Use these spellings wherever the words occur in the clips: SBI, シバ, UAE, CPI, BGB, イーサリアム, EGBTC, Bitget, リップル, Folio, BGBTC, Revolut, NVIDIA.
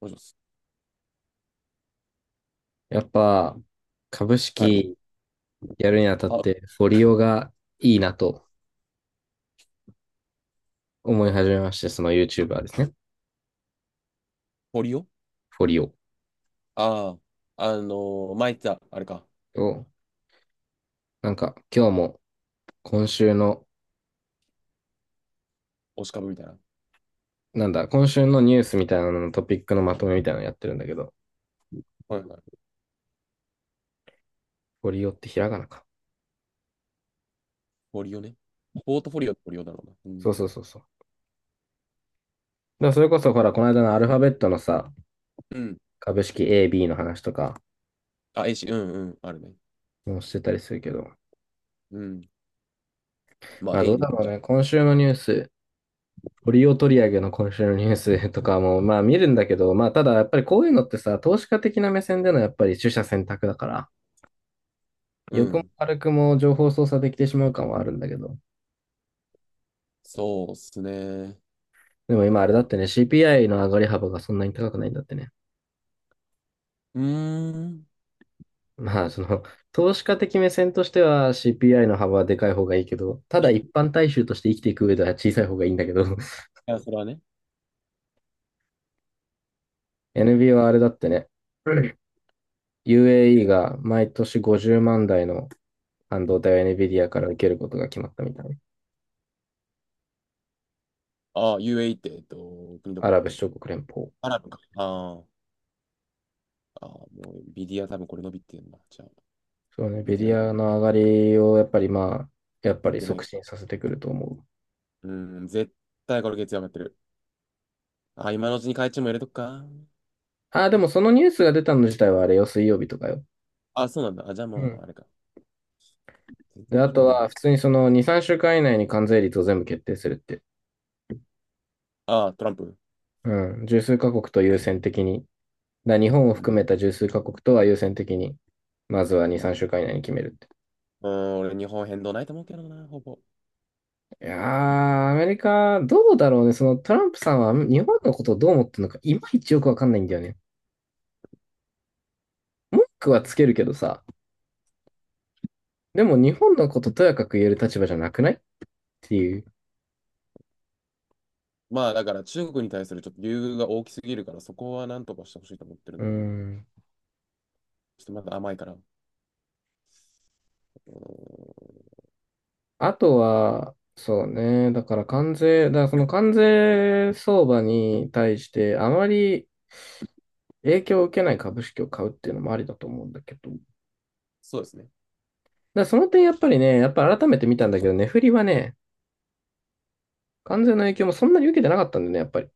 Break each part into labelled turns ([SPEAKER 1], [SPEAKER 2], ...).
[SPEAKER 1] もしもし。
[SPEAKER 2] やっぱ株
[SPEAKER 1] はい。
[SPEAKER 2] 式やるにあたっ
[SPEAKER 1] あ、
[SPEAKER 2] てフォリオがいいなと思い始めまして、その YouTuber ですね。
[SPEAKER 1] 堀尾
[SPEAKER 2] フォリオ
[SPEAKER 1] ああー、あの前言ってた、あれか、
[SPEAKER 2] を、なんか今日も今週の、
[SPEAKER 1] 押し株みたいな。
[SPEAKER 2] なんだ、今週のニュースみたいなののトピックのまとめみたいなのやってるんだけど、
[SPEAKER 1] はいはい。
[SPEAKER 2] フォリオってひらがなか。
[SPEAKER 1] 堀尾ね。ポートフォリオって堀尾だろうな。うん。
[SPEAKER 2] そうそうそうそう。だからそれこそほら、この間のアルファベットのさ、
[SPEAKER 1] うん。
[SPEAKER 2] 株式 A、B の話とか
[SPEAKER 1] あ、A し、うんうん、あるね。
[SPEAKER 2] もしてたりするけど、
[SPEAKER 1] うん。まあ、
[SPEAKER 2] まあど
[SPEAKER 1] A
[SPEAKER 2] う
[SPEAKER 1] でい
[SPEAKER 2] だ
[SPEAKER 1] い
[SPEAKER 2] ろ
[SPEAKER 1] じ
[SPEAKER 2] う
[SPEAKER 1] ゃん。
[SPEAKER 2] ね。今週のニュース、利リオ取り上げの今週のニュースとかも、まあ見るんだけど、まあただやっぱりこういうのってさ、投資家的な目線でのやっぱり取捨選択だから、
[SPEAKER 1] う
[SPEAKER 2] 欲も
[SPEAKER 1] ん。
[SPEAKER 2] 悪くも情報操作できてしまう感はあるんだけど、
[SPEAKER 1] そうっすね。
[SPEAKER 2] でも今あれだってね、CPI の上がり幅がそんなに高くないんだってね。
[SPEAKER 1] うーん。
[SPEAKER 2] まあその、投資家的目線としては CPI の幅はでかい方がいいけど、ただ一般大衆として生きていく上では小さい方がいいんだけど、
[SPEAKER 1] いや、それはね。
[SPEAKER 2] NB はあれだってね、UAE が毎年50万台の半導体を NVIDIA から受けることが決まったみたいな。
[SPEAKER 1] ああ、UAE って、国ど
[SPEAKER 2] ア
[SPEAKER 1] こだっ
[SPEAKER 2] ラブ
[SPEAKER 1] け。
[SPEAKER 2] 首長国連邦。
[SPEAKER 1] アラブか。あーあー、もう、ビディア多分これ伸びてるな。じゃあ、
[SPEAKER 2] そうね、
[SPEAKER 1] 見
[SPEAKER 2] ベ
[SPEAKER 1] て
[SPEAKER 2] リ
[SPEAKER 1] ない、
[SPEAKER 2] アの上がりをやっぱりまあ、やっぱり
[SPEAKER 1] 見てな
[SPEAKER 2] 促
[SPEAKER 1] い。
[SPEAKER 2] 進させてくると思う。
[SPEAKER 1] うん、絶対これ月曜上がってる。あ、今のうちに会長も入れとくか。
[SPEAKER 2] ああ、でもそのニュースが出たの自体はあれよ、水曜日とかよ。
[SPEAKER 1] あ、そうなんだ。あ、じゃあ
[SPEAKER 2] う
[SPEAKER 1] まあ、
[SPEAKER 2] ん。
[SPEAKER 1] あれか。全
[SPEAKER 2] で、
[SPEAKER 1] 然
[SPEAKER 2] あ
[SPEAKER 1] 見
[SPEAKER 2] と
[SPEAKER 1] て
[SPEAKER 2] は
[SPEAKER 1] ね。
[SPEAKER 2] 普通にその2、3週間以内に関税率を全部決定するって。
[SPEAKER 1] ああ、トランプ。
[SPEAKER 2] うん。十数カ国と優先的に。だ日本を
[SPEAKER 1] うん。
[SPEAKER 2] 含めた十数カ国とは優先的に、まずは2、
[SPEAKER 1] まあ、
[SPEAKER 2] 3週間以内に決めるって。
[SPEAKER 1] うん、俺、日本変動ないと思うけどな、ほぼ。
[SPEAKER 2] いやー、アメリカ、どうだろうね。そのトランプさんは日本のことをどう思ってるのか、いまいちよくわかんないんだよね。文句
[SPEAKER 1] 日
[SPEAKER 2] はつ
[SPEAKER 1] 本、
[SPEAKER 2] けるけどさ。でも日本のこととやかく言える立場じゃなくないっていう。
[SPEAKER 1] まあ、だから中国に対するちょっと優遇が大きすぎるから、そこはなんとかしてほしいと思ってるん
[SPEAKER 2] う
[SPEAKER 1] だろうね。
[SPEAKER 2] ん。
[SPEAKER 1] ちょっとまだ甘いから。うん。
[SPEAKER 2] あとは、そうね。だから関税、だからその関税相場に対してあまり影響を受けない株式を買うっていうのもありだと思うんだけど。だか
[SPEAKER 1] そうですね。
[SPEAKER 2] らその点やっぱりね、やっぱ改めて見たんだけど、値振りはね、関税の影響もそんなに受けてなかったんだよね、やっぱり。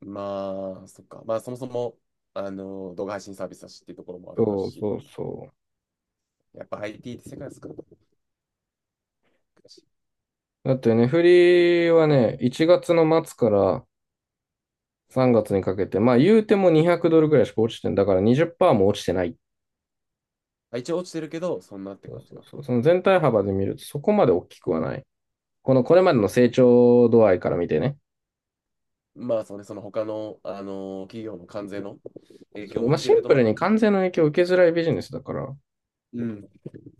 [SPEAKER 1] まあ、そっか。まあ、そもそも、動画配信サービスだしっていうところもあるか
[SPEAKER 2] そうそ
[SPEAKER 1] し、
[SPEAKER 2] うそ
[SPEAKER 1] やっぱ IT って世界少なくだし。
[SPEAKER 2] う。だって値振りはね、1月の末から3月にかけて、まあ言うても200ドルぐらいしか落ちてんだから20%も落ちてないっ
[SPEAKER 1] まあ一応落ちてるけど、そんなって
[SPEAKER 2] そう
[SPEAKER 1] 感じ
[SPEAKER 2] そう
[SPEAKER 1] か。
[SPEAKER 2] そう。その全体幅で見るとそこまで大きくはない。このこれまでの成長度合いから見てね。
[SPEAKER 1] まあ、そうね、その他の、企業の関税の影
[SPEAKER 2] そ
[SPEAKER 1] 響
[SPEAKER 2] う、
[SPEAKER 1] も
[SPEAKER 2] まあ、
[SPEAKER 1] 見て
[SPEAKER 2] シ
[SPEAKER 1] る
[SPEAKER 2] ン
[SPEAKER 1] と、
[SPEAKER 2] プ
[SPEAKER 1] ま
[SPEAKER 2] ルに
[SPEAKER 1] あ、
[SPEAKER 2] 関税の影響を受けづらいビジネスだから、
[SPEAKER 1] うん、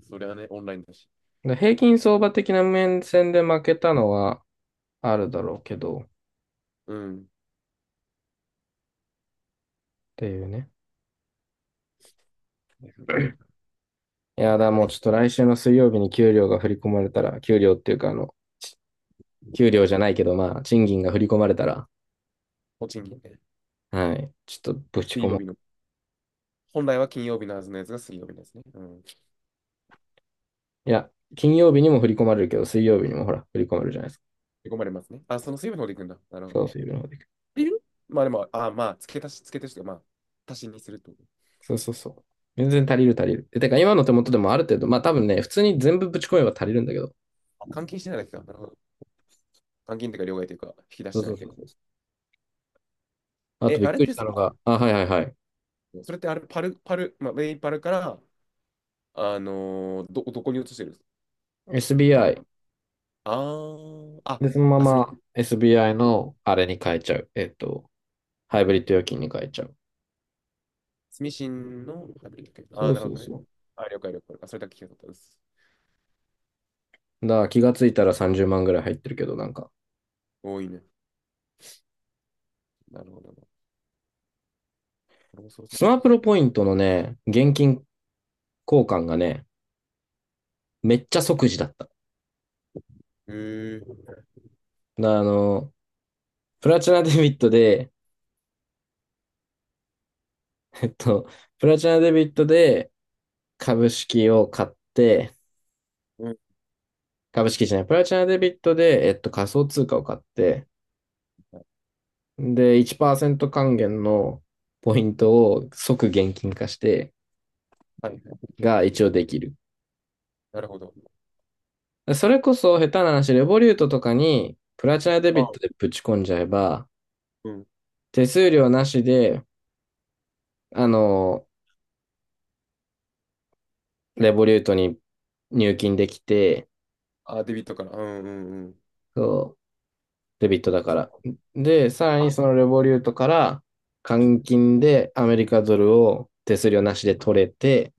[SPEAKER 1] それはね、オンラインだし。
[SPEAKER 2] で平均相場的な面線で負けたのはあるだろうけど、っ
[SPEAKER 1] うん。
[SPEAKER 2] ていうね。いやだ、
[SPEAKER 1] は
[SPEAKER 2] もう
[SPEAKER 1] い。
[SPEAKER 2] ちょっと来週の水曜日に給料が振り込まれたら、給料っていうか給料じゃないけど、まあ、賃金が振り込まれたら、
[SPEAKER 1] 栃木ね。
[SPEAKER 2] はい、ちょっとぶち込
[SPEAKER 1] 水曜
[SPEAKER 2] もう。
[SPEAKER 1] 日の。本来は金曜日のはずのやつが水曜日のやつね。うん。
[SPEAKER 2] いや、金曜日にも振り込まれるけど、水曜日にもほら、振り込まれるじゃないですか。
[SPEAKER 1] 追い込まれますね。あ、その水曜日の方で行くんだ。なるほ
[SPEAKER 2] そ
[SPEAKER 1] ど
[SPEAKER 2] う、
[SPEAKER 1] ね。っ
[SPEAKER 2] 水曜日の方で
[SPEAKER 1] ていう。まあでも、あ、まあ、付け足しというか、まあ、足しにするってこと。
[SPEAKER 2] そうそうそう。全然足りる足りる。で、てか今の手元でもある程度、まあ多分ね、普通に全部ぶち込めば足りるんだけど。
[SPEAKER 1] あ、監禁してないだけか。なるほど。監禁というか、両替というか、引き出し
[SPEAKER 2] そう
[SPEAKER 1] て
[SPEAKER 2] そ
[SPEAKER 1] ない
[SPEAKER 2] う
[SPEAKER 1] と
[SPEAKER 2] そ
[SPEAKER 1] いう
[SPEAKER 2] う
[SPEAKER 1] か。
[SPEAKER 2] そう。あと
[SPEAKER 1] え、
[SPEAKER 2] びっ
[SPEAKER 1] あれっ
[SPEAKER 2] くり
[SPEAKER 1] て
[SPEAKER 2] した
[SPEAKER 1] さ、
[SPEAKER 2] のが、あ、はいはいはい。
[SPEAKER 1] それってあれ、パル、まあ、ウェイパルから、どこに移してるんですか、一旦。
[SPEAKER 2] SBI。
[SPEAKER 1] あー、あ、
[SPEAKER 2] で、そのま
[SPEAKER 1] あ、すみ、
[SPEAKER 2] ま SBI のあれに変えちゃう。ハイブリッド預金に変えちゃう。
[SPEAKER 1] すしんのハイブリッド系。
[SPEAKER 2] そ
[SPEAKER 1] あー、
[SPEAKER 2] う
[SPEAKER 1] なる
[SPEAKER 2] そ
[SPEAKER 1] ほ
[SPEAKER 2] う
[SPEAKER 1] どね。
[SPEAKER 2] そ
[SPEAKER 1] あ、了解了解。あ、それだけ聞いたかったです。
[SPEAKER 2] う。だから気がついたら30万ぐらい入ってるけど、なんか、
[SPEAKER 1] 多いね。なるほどな。俺もそろそ
[SPEAKER 2] ス
[SPEAKER 1] ろ移
[SPEAKER 2] マプ
[SPEAKER 1] す。
[SPEAKER 2] ロポイントのね、現金交換がね、めっちゃ即時だった。だか
[SPEAKER 1] へえ。
[SPEAKER 2] らプラチナデビットで、えっと、プラチナデビットで、株式を買って、
[SPEAKER 1] うん。
[SPEAKER 2] 株式じゃない、プラチナデビットで、仮想通貨を買って、で、1%還元のポイントを即現金化して
[SPEAKER 1] はい。
[SPEAKER 2] が一応できる。
[SPEAKER 1] なるほど。
[SPEAKER 2] それこそ下手な話、レボリュートとかにプラチナデビット
[SPEAKER 1] あ、
[SPEAKER 2] でぶち込んじゃえば、
[SPEAKER 1] うん。
[SPEAKER 2] 手数料なしで、あの、レボリュートに入金できて、
[SPEAKER 1] あ、デビットから。うんうんうん。
[SPEAKER 2] デビットだか
[SPEAKER 1] そっ
[SPEAKER 2] ら。で、さらに
[SPEAKER 1] か。
[SPEAKER 2] そのレボリュートから換金でアメリカドルを手数料なしで取れて、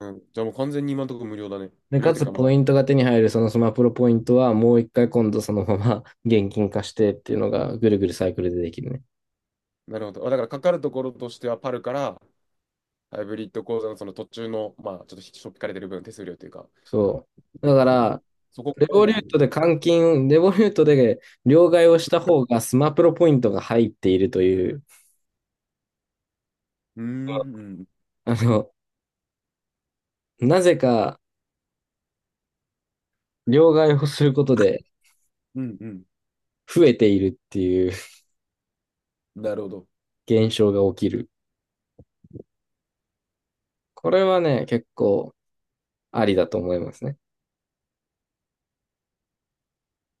[SPEAKER 1] うん。じゃあもう完全に今のところ無料だね。
[SPEAKER 2] で、
[SPEAKER 1] 無料っ
[SPEAKER 2] か
[SPEAKER 1] てい
[SPEAKER 2] つ
[SPEAKER 1] うかま
[SPEAKER 2] ポ
[SPEAKER 1] あ、
[SPEAKER 2] イントが手に入るそのスマプロポイントはもう一回今度そのまま 現金化してっていうのがぐるぐるサイクルでできるね。
[SPEAKER 1] なるほど。あ、だからかかるところとしてはパルからハイブリッド講座のその途中の、まあ、ちょっとしょっぴかれてる分、手数料というか、
[SPEAKER 2] そう。だから、
[SPEAKER 1] そこ
[SPEAKER 2] レ
[SPEAKER 1] から
[SPEAKER 2] ボ
[SPEAKER 1] だ
[SPEAKER 2] リ
[SPEAKER 1] よ
[SPEAKER 2] ュートで
[SPEAKER 1] ね。
[SPEAKER 2] 換金、レボリュートで両替をした方がスマプロポイントが入っているという、
[SPEAKER 1] うーん、うん、
[SPEAKER 2] あの、なぜか両替をすることで
[SPEAKER 1] うん、う
[SPEAKER 2] 増えているっていう
[SPEAKER 1] ん。なるほど。
[SPEAKER 2] 現象が起きる。これはね、結構ありだと思いますね。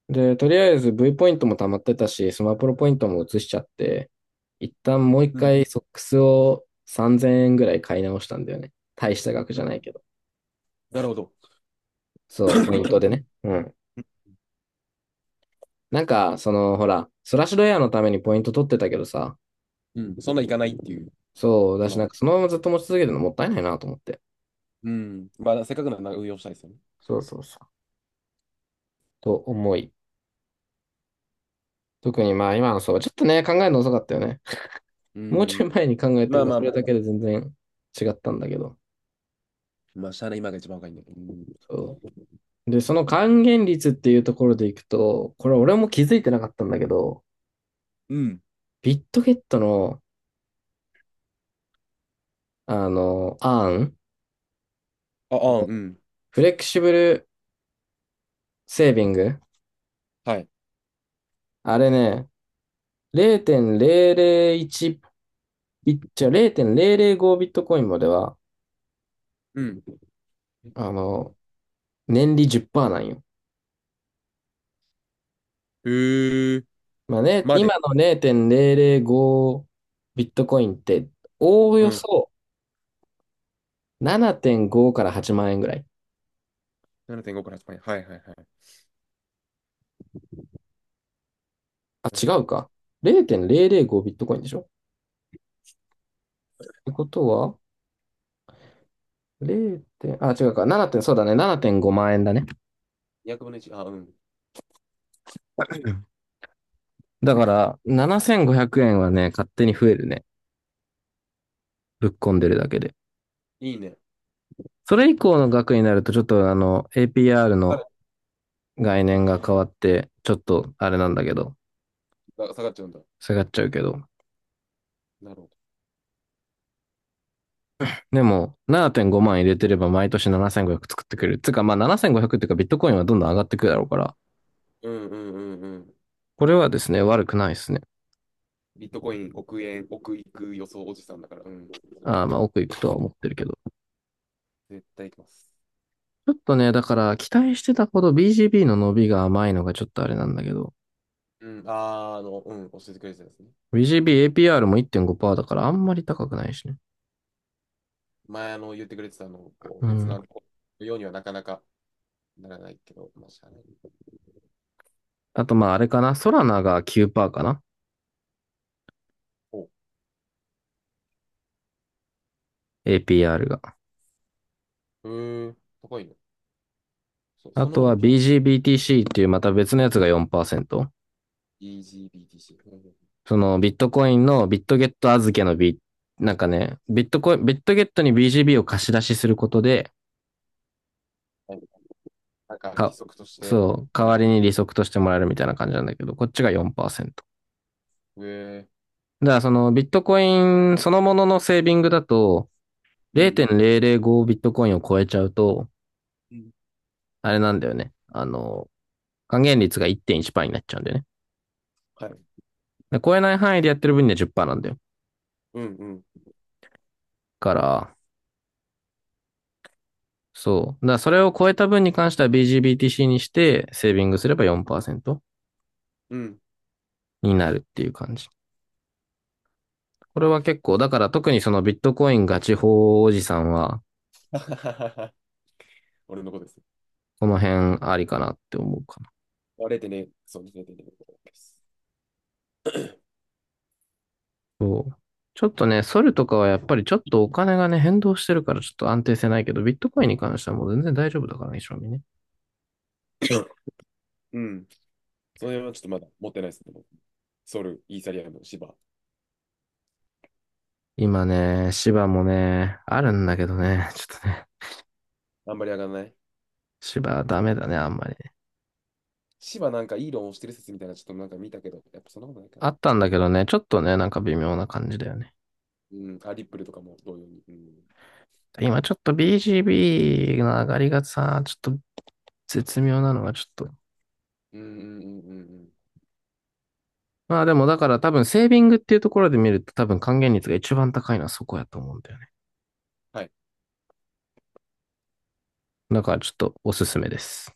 [SPEAKER 2] で、とりあえず V ポイントも溜まってたし、スマプロポイントも移しちゃって、一旦もう一
[SPEAKER 1] うん、
[SPEAKER 2] 回ソックスを3000円ぐらい買い直したんだよね。大した額
[SPEAKER 1] う
[SPEAKER 2] じゃ
[SPEAKER 1] ん。
[SPEAKER 2] ないけど。
[SPEAKER 1] なるほど。
[SPEAKER 2] そう、ポイントでね。うん。なんか、その、ほら、ソラッシュドエアのためにポイント取ってたけどさ、
[SPEAKER 1] うん。そんないかないっていう、
[SPEAKER 2] そう、だし、
[SPEAKER 1] 今。
[SPEAKER 2] なんかそのままずっと持ち続けてるのもったいないなと思って。
[SPEAKER 1] うん。まあ、せっかくなら運用したいですよね。
[SPEAKER 2] そうそうそう。と思い。特にまあ今のそう、ちょっとね、考えるの遅かったよね。
[SPEAKER 1] う
[SPEAKER 2] もうち
[SPEAKER 1] ん。
[SPEAKER 2] ょい前に考えて
[SPEAKER 1] ま
[SPEAKER 2] れ
[SPEAKER 1] あ
[SPEAKER 2] ば、
[SPEAKER 1] ま
[SPEAKER 2] そ
[SPEAKER 1] あま
[SPEAKER 2] れだ
[SPEAKER 1] あ、
[SPEAKER 2] けで全然違ったんだけど。
[SPEAKER 1] まあ、しゃあない、今が一番若いんだけど。うん。
[SPEAKER 2] そう。で、その還元率っていうところでいくと、これ俺も気づいてなかったんだけど、
[SPEAKER 1] うん。
[SPEAKER 2] ビットゲットの、アーン
[SPEAKER 1] あ、あ、うん。
[SPEAKER 2] フレキシブルセービング、
[SPEAKER 1] はい。
[SPEAKER 2] あれね、0.001ビッチャ、0.005ビットコインまでは、
[SPEAKER 1] うん。
[SPEAKER 2] あの、年利10%なんよ。
[SPEAKER 1] へえ、
[SPEAKER 2] まあね、
[SPEAKER 1] ま
[SPEAKER 2] 今
[SPEAKER 1] で。
[SPEAKER 2] の0.005ビットコインって、おお
[SPEAKER 1] う
[SPEAKER 2] よ
[SPEAKER 1] ん。
[SPEAKER 2] そ7.5から8万円ぐらい。
[SPEAKER 1] 7.5から8円はいはいはい。
[SPEAKER 2] あ、違う
[SPEAKER 1] 7.5。
[SPEAKER 2] か。0.005ビットコインでしょてことは、0点、あ、違うか、7点、そうだね、7.5万円だね。
[SPEAKER 1] 200分の1。あ、うん。
[SPEAKER 2] だから、7500円はね、勝手に増えるね。ぶっ込んでるだけで。
[SPEAKER 1] いいね。
[SPEAKER 2] それ以降の額になると、ちょっとあの、APR の
[SPEAKER 1] あ、
[SPEAKER 2] 概念が変わって、ちょっとあれなんだけど、
[SPEAKER 1] 下がっちゃうんだ。
[SPEAKER 2] 下がっちゃうけど。
[SPEAKER 1] なるほ
[SPEAKER 2] でも、7.5万入れてれば毎年7500作ってくれる。つうか、まあ7500っていうか、ビットコインはどんどん上がってくるだろうから、
[SPEAKER 1] ど。うんうんうんうん。
[SPEAKER 2] これはですね、悪くないですね。
[SPEAKER 1] ビットコイン、億円、億いく予想おじさんだから、うん。
[SPEAKER 2] あーまあ、奥行くとは思ってるけど。
[SPEAKER 1] 絶対行きます。
[SPEAKER 2] ちょっとね、だから期待してたほど BGB の伸びが甘いのがちょっとあれなんだけど、
[SPEAKER 1] うん。あー、うん。教えてくれてたですね。
[SPEAKER 2] BGB APR も1.5%だからあんまり高くないしね。
[SPEAKER 1] 前、言ってくれてたあの、こう、
[SPEAKER 2] う
[SPEAKER 1] 別の
[SPEAKER 2] ん。
[SPEAKER 1] あの、こうようにはなかなかならないけど、まあ、しゃあない。
[SPEAKER 2] あとまああれかな、ソラナが9%かな？
[SPEAKER 1] お、
[SPEAKER 2] APR が。
[SPEAKER 1] へえ、高いね。そ、
[SPEAKER 2] あ
[SPEAKER 1] その
[SPEAKER 2] と
[SPEAKER 1] もの
[SPEAKER 2] は
[SPEAKER 1] の情報。
[SPEAKER 2] BGBTC っていうまた別のやつが4%。
[SPEAKER 1] EGBTC。
[SPEAKER 2] そのビットコインのビットゲット預けのビ、なんかね、ビットコイン、ビットゲットに BGB を貸し出しすることで、
[SPEAKER 1] うん、なんか規
[SPEAKER 2] か、
[SPEAKER 1] 則として、
[SPEAKER 2] そう、
[SPEAKER 1] も
[SPEAKER 2] 代
[SPEAKER 1] らえ
[SPEAKER 2] わり
[SPEAKER 1] る。
[SPEAKER 2] に利息としてもらえるみたいな感じなんだけど、こっちが4%。
[SPEAKER 1] うえ、
[SPEAKER 2] だからそのビットコインそのもののセービングだと
[SPEAKER 1] うん。
[SPEAKER 2] 0.005ビットコインを超えちゃうと、
[SPEAKER 1] うん、
[SPEAKER 2] あれなんだよね。還元率が1.1%になっちゃうんだよね。
[SPEAKER 1] はい。
[SPEAKER 2] で超えない範囲でやってる分には10%なんだよ。
[SPEAKER 1] うんうん。
[SPEAKER 2] から、そう。だからそれを超えた分に関しては BGBTC にしてセービングすれば4%
[SPEAKER 1] うん。
[SPEAKER 2] になるっていう感じ。これは結構、だから特にそのビットコインガチ法おじさんは、
[SPEAKER 1] はははは俺の子です。
[SPEAKER 2] この辺ありかなって思うか
[SPEAKER 1] あれてね、そうね、0.0でねです。
[SPEAKER 2] そう。ちょっとね、ソルとかはやっぱりちょっとお金がね、変動してるからちょっと安定性ないけど、ビットコインに関してはもう全然大丈夫だからね、正味ね。
[SPEAKER 1] うん。そのはちょっとまだ持ってないですね。僕、ソル、イーサリアム、シバ。
[SPEAKER 2] 今ね、芝もね、あるんだけどね、ちょっとね、
[SPEAKER 1] あんまり上がらない。
[SPEAKER 2] 芝はダメだね、あんまり。
[SPEAKER 1] シバなんかいい論をしてる説みたいな、ちょっとなんか見たけど、やっぱそんなことないかな。
[SPEAKER 2] あったんだけどね、ちょっとね、なんか微妙な感じだよね。
[SPEAKER 1] うん。あ、リップルとかも同様に。うん。
[SPEAKER 2] 今ちょっと BGB の上がりがさ、ちょっと絶妙なのがちょっと。
[SPEAKER 1] うんうんうんうんうん。
[SPEAKER 2] まあでもだから多分セービングっていうところで見ると多分還元率が一番高いのはそこやと思うんだよね。
[SPEAKER 1] はい。
[SPEAKER 2] だからちょっとおすすめです。